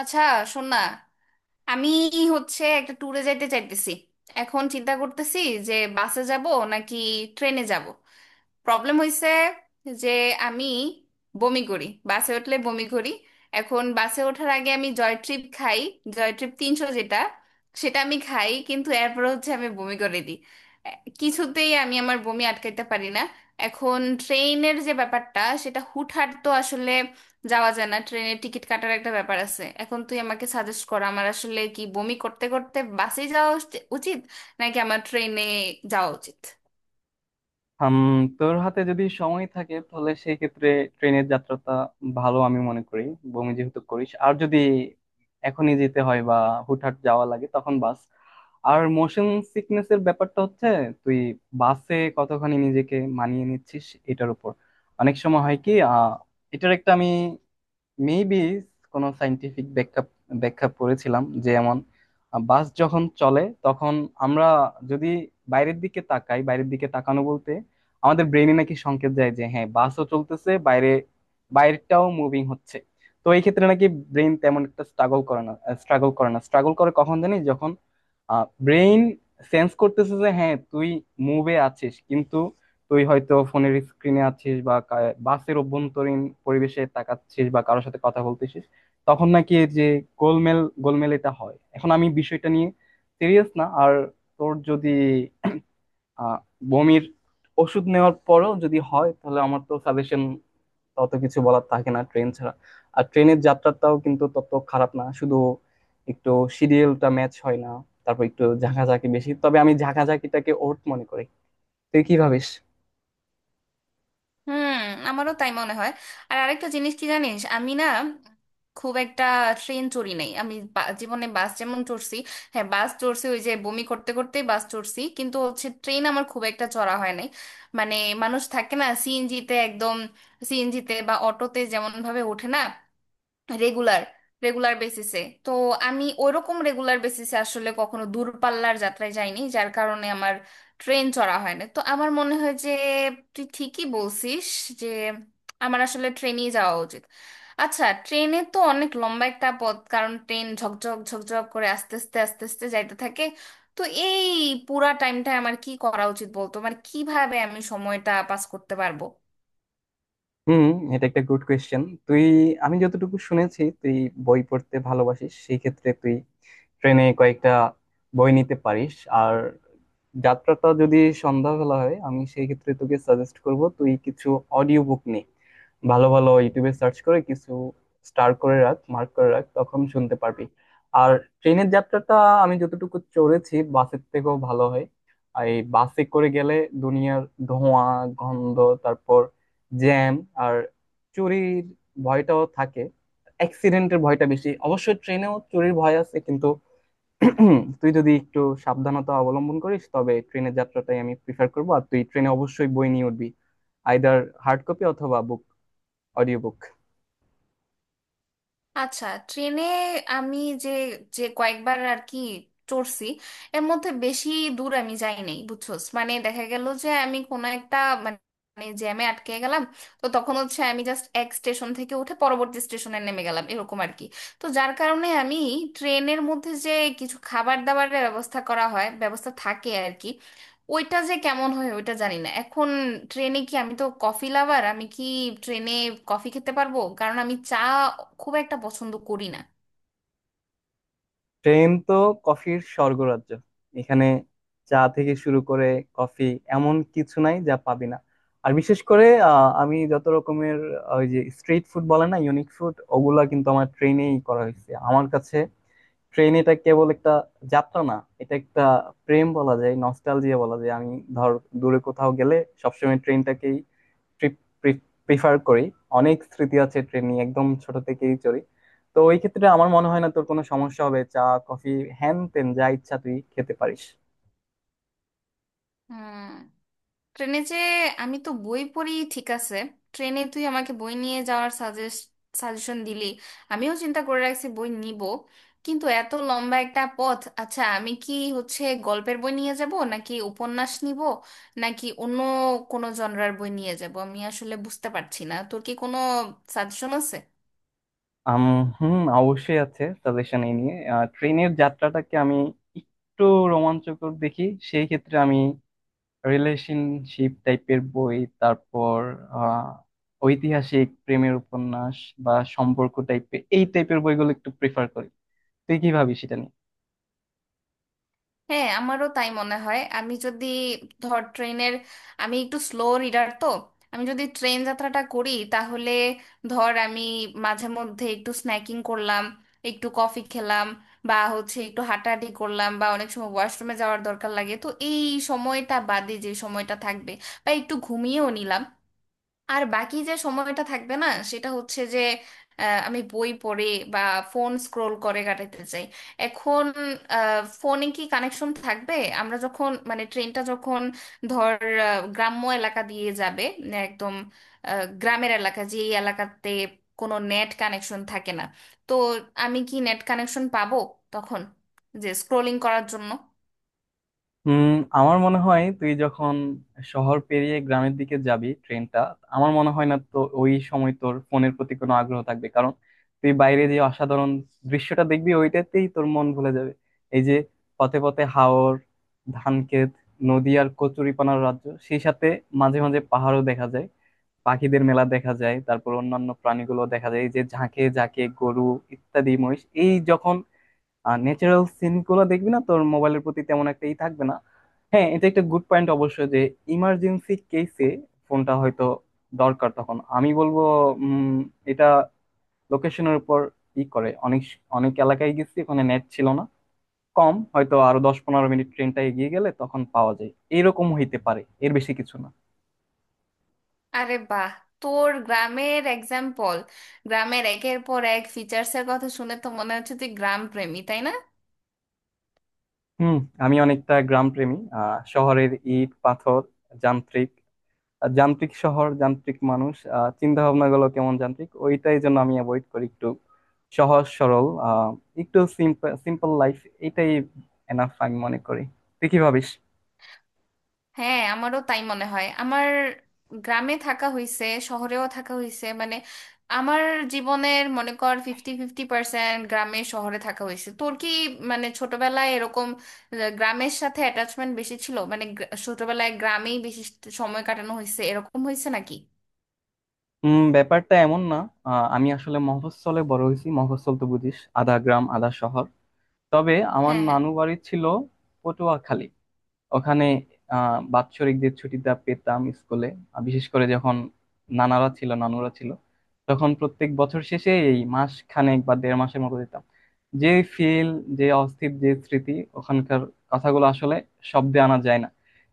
আচ্ছা, শোন না। আমি একটা ট্যুরে যাইতে চাইতেছি। এখন চিন্তা করতেছি যে বাসে যাব নাকি ট্রেনে যাব। প্রবলেম হয়েছে যে আমি বমি করি, বাসে উঠলে বমি করি। এখন বাসে ওঠার আগে আমি জয় ট্রিপ খাই, জয় ট্রিপ 300 যেটা, সেটা আমি খাই, কিন্তু এরপর আমি বমি করে দিই। এ- কিছুতেই আমি আমার বমি আটকাইতে পারি না। এখন ট্রেনের যে ব্যাপারটা, সেটা হুটহাট তো আসলে যাওয়া যায় না, ট্রেনের টিকিট কাটার একটা ব্যাপার আছে। এখন তুই আমাকে সাজেস্ট কর, আমার আসলে কি বমি করতে করতে বাসে যাওয়া উচিত, নাকি আমার ট্রেনে যাওয়া উচিত? হাম। তোর হাতে যদি সময় থাকে তাহলে সেই ক্ষেত্রে ট্রেনের যাত্রাটা ভালো আমি মনে করি। বমি যেহেতু করিস আর যদি এখনই যেতে হয় বা হুটহাট যাওয়া লাগে তখন বাস। আর মোশন সিকনেস এর ব্যাপারটা হচ্ছে তুই বাসে কতখানি নিজেকে মানিয়ে নিচ্ছিস এটার উপর। অনেক সময় হয় কি এটার একটা আমি মেবি কোনো সাইন্টিফিক ব্যাখ্যা ব্যাখ্যা পড়েছিলাম যে এমন, বাস যখন চলে তখন আমরা যদি বাইরের দিকে তাকানো বলতে আমাদের ব্রেনে নাকি সংকেত যায় যে হ্যাঁ বাসও চলতেছে, বাইরে বাইরেটাও মুভিং হচ্ছে। তো এই ক্ষেত্রে নাকি ব্রেন তেমন একটা স্ট্রাগল করে না। স্ট্রাগল করে কখন জানি যখন ব্রেন সেন্স করতেছে যে হ্যাঁ তুই মুভে আছিস কিন্তু তুই হয়তো ফোনের স্ক্রিনে আছিস বা বাসের অভ্যন্তরীণ পরিবেশে তাকাচ্ছিস বা কারোর সাথে কথা বলতেছিস, তখন নাকি এই যে গোলমেল গোলমেল এটা হয়। এখন আমি বিষয়টা নিয়ে সিরিয়াস না। আর তোর যদি আহ বমির ওষুধ নেওয়ার পরেও যদি হয় তাহলে আমার তো সাজেশন তত কিছু বলার থাকে না ট্রেন ছাড়া। আর ট্রেনের যাত্রাটাও কিন্তু তত খারাপ না, শুধু একটু শিডিউলটা ম্যাচ হয় না, তারপর একটু ঝাঁকাঝাঁকি বেশি, তবে আমি ঝাঁকাঝাঁকিটাকে ওর্ট মনে করি। তুই কি ভাবিস? হুম, আমারও তাই মনে হয়। আর আরেকটা জিনিস কি জানিস, আমি না খুব একটা ট্রেন চড়ি নাই। আমি জীবনে বাস যেমন চড়ছি, হ্যাঁ বাস চড়ছি, ওই যে বমি করতে করতে বাস চড়ছি, কিন্তু ট্রেন আমার খুব একটা চড়া হয় নাই। মানে মানুষ থাকে না সিএনজিতে, একদম সিএনজিতে বা অটোতে যেমন ভাবে ওঠে, না রেগুলার রেগুলার বেসিসে। তো আমি ওইরকম রেগুলার বেসিসে আসলে কখনো দূরপাল্লার যাত্রায় যাইনি, যার কারণে আমার ট্রেন চড়া হয় না। তো আমার মনে হয় যে তুই ঠিকই বলছিস যে আমার আসলে ট্রেনেই যাওয়া উচিত। আচ্ছা, ট্রেনে তো অনেক লম্বা একটা পথ, কারণ ট্রেন ঝকঝক ঝকঝক করে আস্তে আস্তে আস্তে আস্তে যাইতে থাকে। তো এই পুরা টাইমটা আমার কি করা উচিত বলতো? মানে কিভাবে আমি সময়টা পাস করতে পারবো? হুম। এটা একটা গুড কোয়েশ্চেন। তুই, আমি যতটুকু শুনেছি, তুই বই পড়তে ভালোবাসিস, সেই ক্ষেত্রে তুই ট্রেনে কয়েকটা বই নিতে পারিস। আর যাত্রাটা যদি সন্ধ্যাবেলা হয় আমি সেই ক্ষেত্রে তোকে সাজেস্ট করব তুই কিছু অডিও বুক নে। ভালো ভালো ইউটিউবে সার্চ করে কিছু স্টার করে রাখ, মার্ক করে রাখ, তখন শুনতে পারবি। আর ট্রেনের যাত্রাটা আমি যতটুকু চড়েছি বাসের থেকেও ভালো হয়। আর এই বাসে করে গেলে দুনিয়ার ধোঁয়া, গন্ধ, তারপর জ্যাম, আর চুরির ভয়টাও থাকে, অ্যাক্সিডেন্টের ভয়টা বেশি। অবশ্যই ট্রেনেও চুরির ভয় আছে কিন্তু তুই যদি একটু সাবধানতা অবলম্বন করিস তবে ট্রেনের যাত্রাটাই আমি প্রিফার করবো। আর তুই ট্রেনে অবশ্যই বই নিয়ে উঠবি, আইদার হার্ড কপি অথবা অডিও বুক। আচ্ছা, ট্রেনে আমি যে যে কয়েকবার আর কি চড়ছি, এর মধ্যে বেশি দূর আমি যাই নাই বুঝছোস। মানে দেখা গেল যে আমি কোনো একটা মানে জ্যামে আটকে গেলাম, তো তখন আমি জাস্ট এক স্টেশন থেকে উঠে পরবর্তী স্টেশনে নেমে গেলাম, এরকম আর কি। তো যার কারণে আমি ট্রেনের মধ্যে যে কিছু খাবার দাবারের ব্যবস্থা করা হয়, ব্যবস্থা থাকে আর কি, ওইটা যে কেমন হয় ওইটা জানি না। এখন ট্রেনে কি, আমি তো কফি লাভার, আমি কি ট্রেনে কফি খেতে পারবো? কারণ আমি চা খুব একটা পছন্দ করি না। ট্রেন তো কফির স্বর্গরাজ্য। এখানে চা থেকে শুরু করে কফি, এমন কিছু নাই যা পাবি না। আর বিশেষ করে আমি যত রকমের ওই যে স্ট্রিট ফুড বলে না, ইউনিক ফুড, ওগুলা কিন্তু আমার ট্রেনেই করা হয়েছে আমার কাছে। ট্রেন, এটা কেবল একটা যাত্রা না, এটা একটা প্রেম বলা যায়, নস্টালজিয়া বলা যায়। আমি, ধর, দূরে কোথাও গেলে সবসময় ট্রেনটাকেই ট্রিপ প্রিফার করি। অনেক স্মৃতি আছে ট্রেন নিয়ে, একদম ছোট থেকেই চড়ি। তো ওই ক্ষেত্রে আমার মনে হয় না তোর কোনো সমস্যা হবে, চা কফি হ্যান তেন যা ইচ্ছা তুই খেতে পারিস। হুম, ট্রেনে যে আমি তো বই পড়ি, ঠিক আছে, ট্রেনে তুই আমাকে বই নিয়ে যাওয়ার সাজেশন দিলি, আমিও চিন্তা করে রাখছি বই নিব। কিন্তু এত লম্বা একটা পথ, আচ্ছা আমি কি গল্পের বই নিয়ে যাব, নাকি উপন্যাস নিব, নাকি অন্য কোনো জনরার বই নিয়ে যাব? আমি আসলে বুঝতে পারছি না, তোর কি কোনো সাজেশন আছে? আম, হুম অবশ্যই আছে সাজেশন এই নিয়ে। ট্রেনের যাত্রাটাকে আমি একটু রোমাঞ্চকর দেখি, সেই ক্ষেত্রে আমি রিলেশনশিপ টাইপের বই, তারপর আহ, ঐতিহাসিক প্রেমের উপন্যাস বা সম্পর্ক টাইপের, এই টাইপের বইগুলো একটু প্রেফার করি। তুই কি ভাবিস এটা নিয়ে? হ্যাঁ, আমারও তাই মনে হয়। আমি যদি ধর ট্রেনের, আমি একটু স্লো রিডার তো, আমি যদি ট্রেন যাত্রাটা করি, তাহলে ধর আমি মাঝে মধ্যে একটু স্ন্যাকিং করলাম, একটু কফি খেলাম, বা একটু হাঁটাহাঁটি করলাম, বা অনেক সময় ওয়াশরুমে যাওয়ার দরকার লাগে, তো এই সময়টা বাদে যে সময়টা থাকবে, বা একটু ঘুমিয়েও নিলাম, আর বাকি যে সময়টা থাকবে না, সেটা হচ্ছে যে, আমি বই পড়ে বা ফোন স্ক্রোল করে কাটাতে চাই। এখন ফোনে কি কানেকশন থাকবে? আমরা যখন, মানে ট্রেনটা যখন ধর গ্রাম্য এলাকা দিয়ে যাবে, মানে একদম গ্রামের এলাকা, যে এই এলাকাতে কোনো নেট কানেকশন থাকে না, তো আমি কি নেট কানেকশন পাবো তখন, যে স্ক্রোলিং করার জন্য? হুম। আমার মনে হয় তুই যখন শহর পেরিয়ে গ্রামের দিকে যাবি ট্রেনটা, আমার মনে হয় না তো ওই সময় তোর ফোনের প্রতি কোনো আগ্রহ থাকবে, কারণ তুই বাইরে যে অসাধারণ দৃশ্যটা দেখবি ওইটাতেই তোর মন ভুলে যাবে। এই যে পথে পথে হাওর, ধানক্ষেত, নদী আর কচুরিপানার রাজ্য, সেই সাথে মাঝে মাঝে পাহাড়ও দেখা যায়, পাখিদের মেলা দেখা যায়, তারপর অন্যান্য প্রাণীগুলো দেখা যায়, এই যে ঝাঁকে ঝাঁকে গরু ইত্যাদি মহিষ। এই যখন আর ন্যাচারাল সিন গুলো দেখবি না, তোর মোবাইলের প্রতি তেমন একটা ই থাকবে না। হ্যাঁ, এটা একটা গুড পয়েন্ট অবশ্য যে ইমার্জেন্সি কেসে ফোনটা হয়তো দরকার। তখন আমি বলবো উম এটা লোকেশনের উপর ই করে। অনেক অনেক এলাকায় গেছি ওখানে নেট ছিল না, কম, হয়তো আরো 10-15 মিনিট ট্রেনটা এগিয়ে গেলে তখন পাওয়া যায়, এরকম হইতে পারে, এর বেশি কিছু না। আরে বাহ, তোর গ্রামের এক্সাম্পল, গ্রামের একের পর এক ফিচার্স এর কথা শুনে তো মনে হচ্ছে তুই গ্রাম প্রেমী, তাই না? হুম, আমি অনেকটা গ্রাম প্রেমী। শহরের ইট পাথর যান্ত্রিক, যান্ত্রিক শহর, যান্ত্রিক মানুষ, চিন্তা ভাবনা গুলো কেমন যান্ত্রিক, ওইটাই জন্য আমি অ্যাভয়েড করি একটু। সহজ সরল, একটু সিম্পল সিম্পল লাইফ, এটাই এনাফ আমি মনে করি। তুই কি ভাবিস? হ্যাঁ, আমারও তাই মনে হয়। আমার গ্রামে থাকা হইছে, শহরেও থাকা হইছে, মানে আমার জীবনের মনে কর ফিফটি ফিফটি পার্সেন্ট গ্রামে শহরে থাকা হয়েছে। তোর কি মানে ছোটবেলায় এরকম গ্রামের সাথে অ্যাটাচমেন্ট বেশি ছিল, মানে ছোটবেলায় গ্রামেই বেশি সময় কাটানো হয়েছে, এরকম হয়েছে নাকি? ব্যাপারটা এমন না। আমি আসলে মফস্বলে বড় হয়েছি, মফস্বল তো বুঝিস, আধা গ্রাম আধা শহর। তবে আমার হ্যাঁ, হ্যাঁ। নানু বাড়ি ছিল পটুয়াখালী। ওখানে বাৎসরিক যে ছুটিটা পেতাম স্কুলে, বিশেষ করে যখন নানারা ছিল নানুরা ছিল, তখন প্রত্যেক বছর শেষে এই মাস খানেক বা দেড় মাসের মতো দিতাম। যে ফিল, যে অস্থির যে স্মৃতি ওখানকার, কথাগুলো আসলে শব্দে আনা যায় না।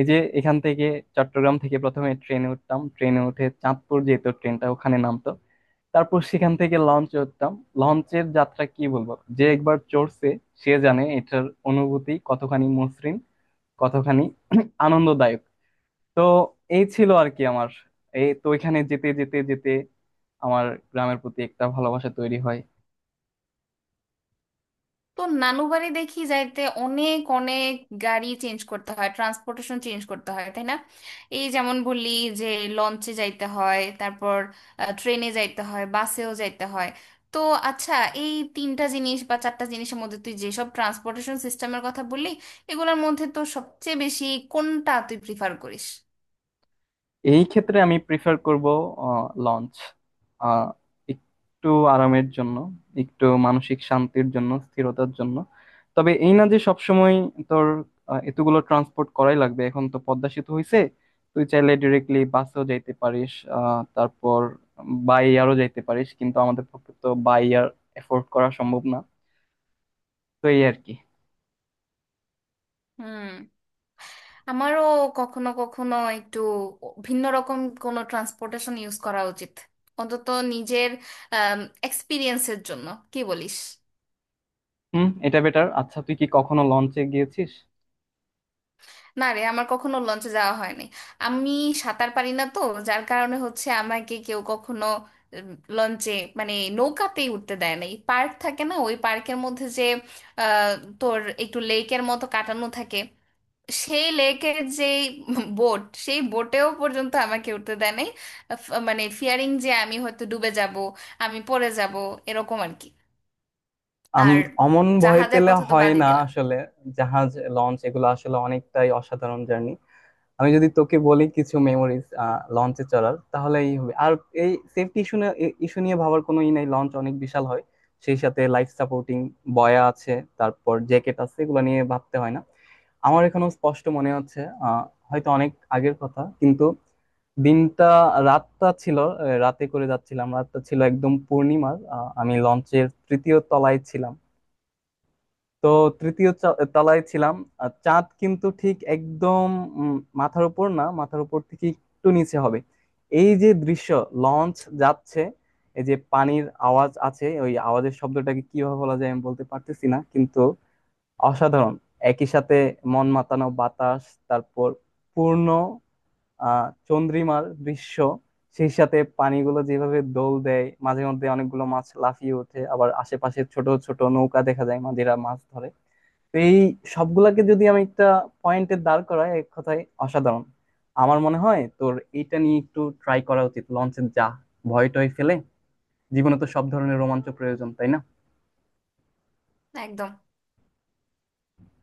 এই যে এখান থেকে চট্টগ্রাম থেকে প্রথমে ট্রেনে উঠতাম, ট্রেনে উঠে চাঁদপুর যেত ট্রেনটা, ওখানে নামতো। তারপর সেখান থেকে লঞ্চে উঠতাম। লঞ্চের যাত্রা কি বলবো, যে একবার চড়ছে সে জানে এটার অনুভূতি কতখানি মসৃণ, কতখানি আনন্দদায়ক। তো এই ছিল আর কি আমার। এই তো ওইখানে যেতে যেতে যেতে আমার গ্রামের প্রতি একটা ভালোবাসা তৈরি হয়। তো নানু বাড়ি দেখি যাইতে অনেক অনেক গাড়ি চেঞ্জ করতে হয়, ট্রান্সপোর্টেশন চেঞ্জ করতে হয়, তাই না? এই যেমন বললি যে লঞ্চে যাইতে হয়, তারপর ট্রেনে যাইতে হয়, বাসেও যাইতে হয়। তো আচ্ছা, এই তিনটা জিনিস বা চারটা জিনিসের মধ্যে, তুই যেসব ট্রান্সপোর্টেশন সিস্টেমের কথা বললি, এগুলোর মধ্যে তো সবচেয়ে বেশি কোনটা তুই প্রিফার করিস? এই ক্ষেত্রে আমি প্রিফার করব লঞ্চ, একটু আরামের জন্য, একটু মানসিক শান্তির জন্য, স্থিরতার জন্য। তবে এই না যে সবসময় তোর এতগুলো ট্রান্সপোর্ট করাই লাগবে, এখন তো পদ্মা সেতু হইছে, তুই চাইলে ডিরেক্টলি বাসেও যাইতে পারিস, তারপর বাই এয়ারও যাইতে পারিস, কিন্তু আমাদের পক্ষে তো বাই এয়ার এফোর্ড করা সম্ভব না। তো এই আর কি। হুম, আমারও কখনো কখনো একটু ভিন্ন রকম কোনো ট্রান্সপোর্টেশন ইউজ করা উচিত, অন্তত নিজের এক্সপিরিয়েন্সের জন্য, কি বলিস? হুম, এটা বেটার। আচ্ছা তুই কি কখনো লঞ্চে গিয়েছিস? না রে, আমার কখনো লঞ্চে যাওয়া হয়নি। আমি সাঁতার পারি না তো, যার কারণে আমাকে কেউ কখনো লঞ্চে, মানে নৌকাতেই উঠতে দেয় নাই। পার্ক থাকে না, ওই পার্কের মধ্যে যে আহ, তোর একটু লেকের মতো কাটানো থাকে, সেই লেকের যেই বোট, সেই বোটেও পর্যন্ত আমাকে উঠতে দেয় নাই। আহ, মানে ফিয়ারিং, যে আমি হয়তো ডুবে যাব, আমি পড়ে যাব, এরকম আর কি। আম আর অমন ভয় জাহাজের পেলে কথা তো হয় বাদই না দিলাম। আসলে। জাহাজ, লঞ্চ, এগুলো আসলে অনেকটাই অসাধারণ জার্নি। আমি যদি তোকে বলি কিছু মেমোরিজ লঞ্চে চড়ার, তাহলে এই হবে। আর এই সেফটি ইস্যু ইস্যু নিয়ে ভাবার কোনো ই নাই, লঞ্চ অনেক বিশাল হয়, সেই সাথে লাইফ সাপোর্টিং বয়া আছে, তারপর জ্যাকেট আছে, এগুলো নিয়ে ভাবতে হয় না। আমার এখনো স্পষ্ট মনে হচ্ছে, আহ হয়তো অনেক আগের কথা কিন্তু, দিনটা রাতটা ছিল, রাতে করে যাচ্ছিলাম, রাতটা ছিল একদম পূর্ণিমার। আমি লঞ্চের তৃতীয় তলায় ছিলাম, তো তৃতীয় তলায় ছিলাম। আর চাঁদ কিন্তু ঠিক একদম মাথার উপর না, মাথার উপর থেকে একটু নিচে হবে। এই যে দৃশ্য, লঞ্চ যাচ্ছে, এই যে পানির আওয়াজ আছে, ওই আওয়াজের শব্দটাকে কিভাবে বলা যায় আমি বলতে পারতেছি না, কিন্তু অসাধারণ। একই সাথে মন মাতানো বাতাস, তারপর পূর্ণ আহ চন্দ্রিমার দৃশ্য, সেই সাথে পানিগুলো যেভাবে দোল দেয়, মাঝে মধ্যে অনেকগুলো মাছ লাফিয়ে ওঠে, আবার আশেপাশে ছোট ছোট নৌকা দেখা যায়, মাঝিরা মাছ ধরে। তো এই সবগুলাকে যদি আমি একটা পয়েন্টে দাঁড় করাই, এক কথায় অসাধারণ। আমার মনে হয় তোর এইটা নিয়ে একটু ট্রাই করা উচিত। লঞ্চে যা, ভয় টয় ফেলে। জীবনে তো সব ধরনের রোমাঞ্চ প্রয়োজন, তাই না? একদম।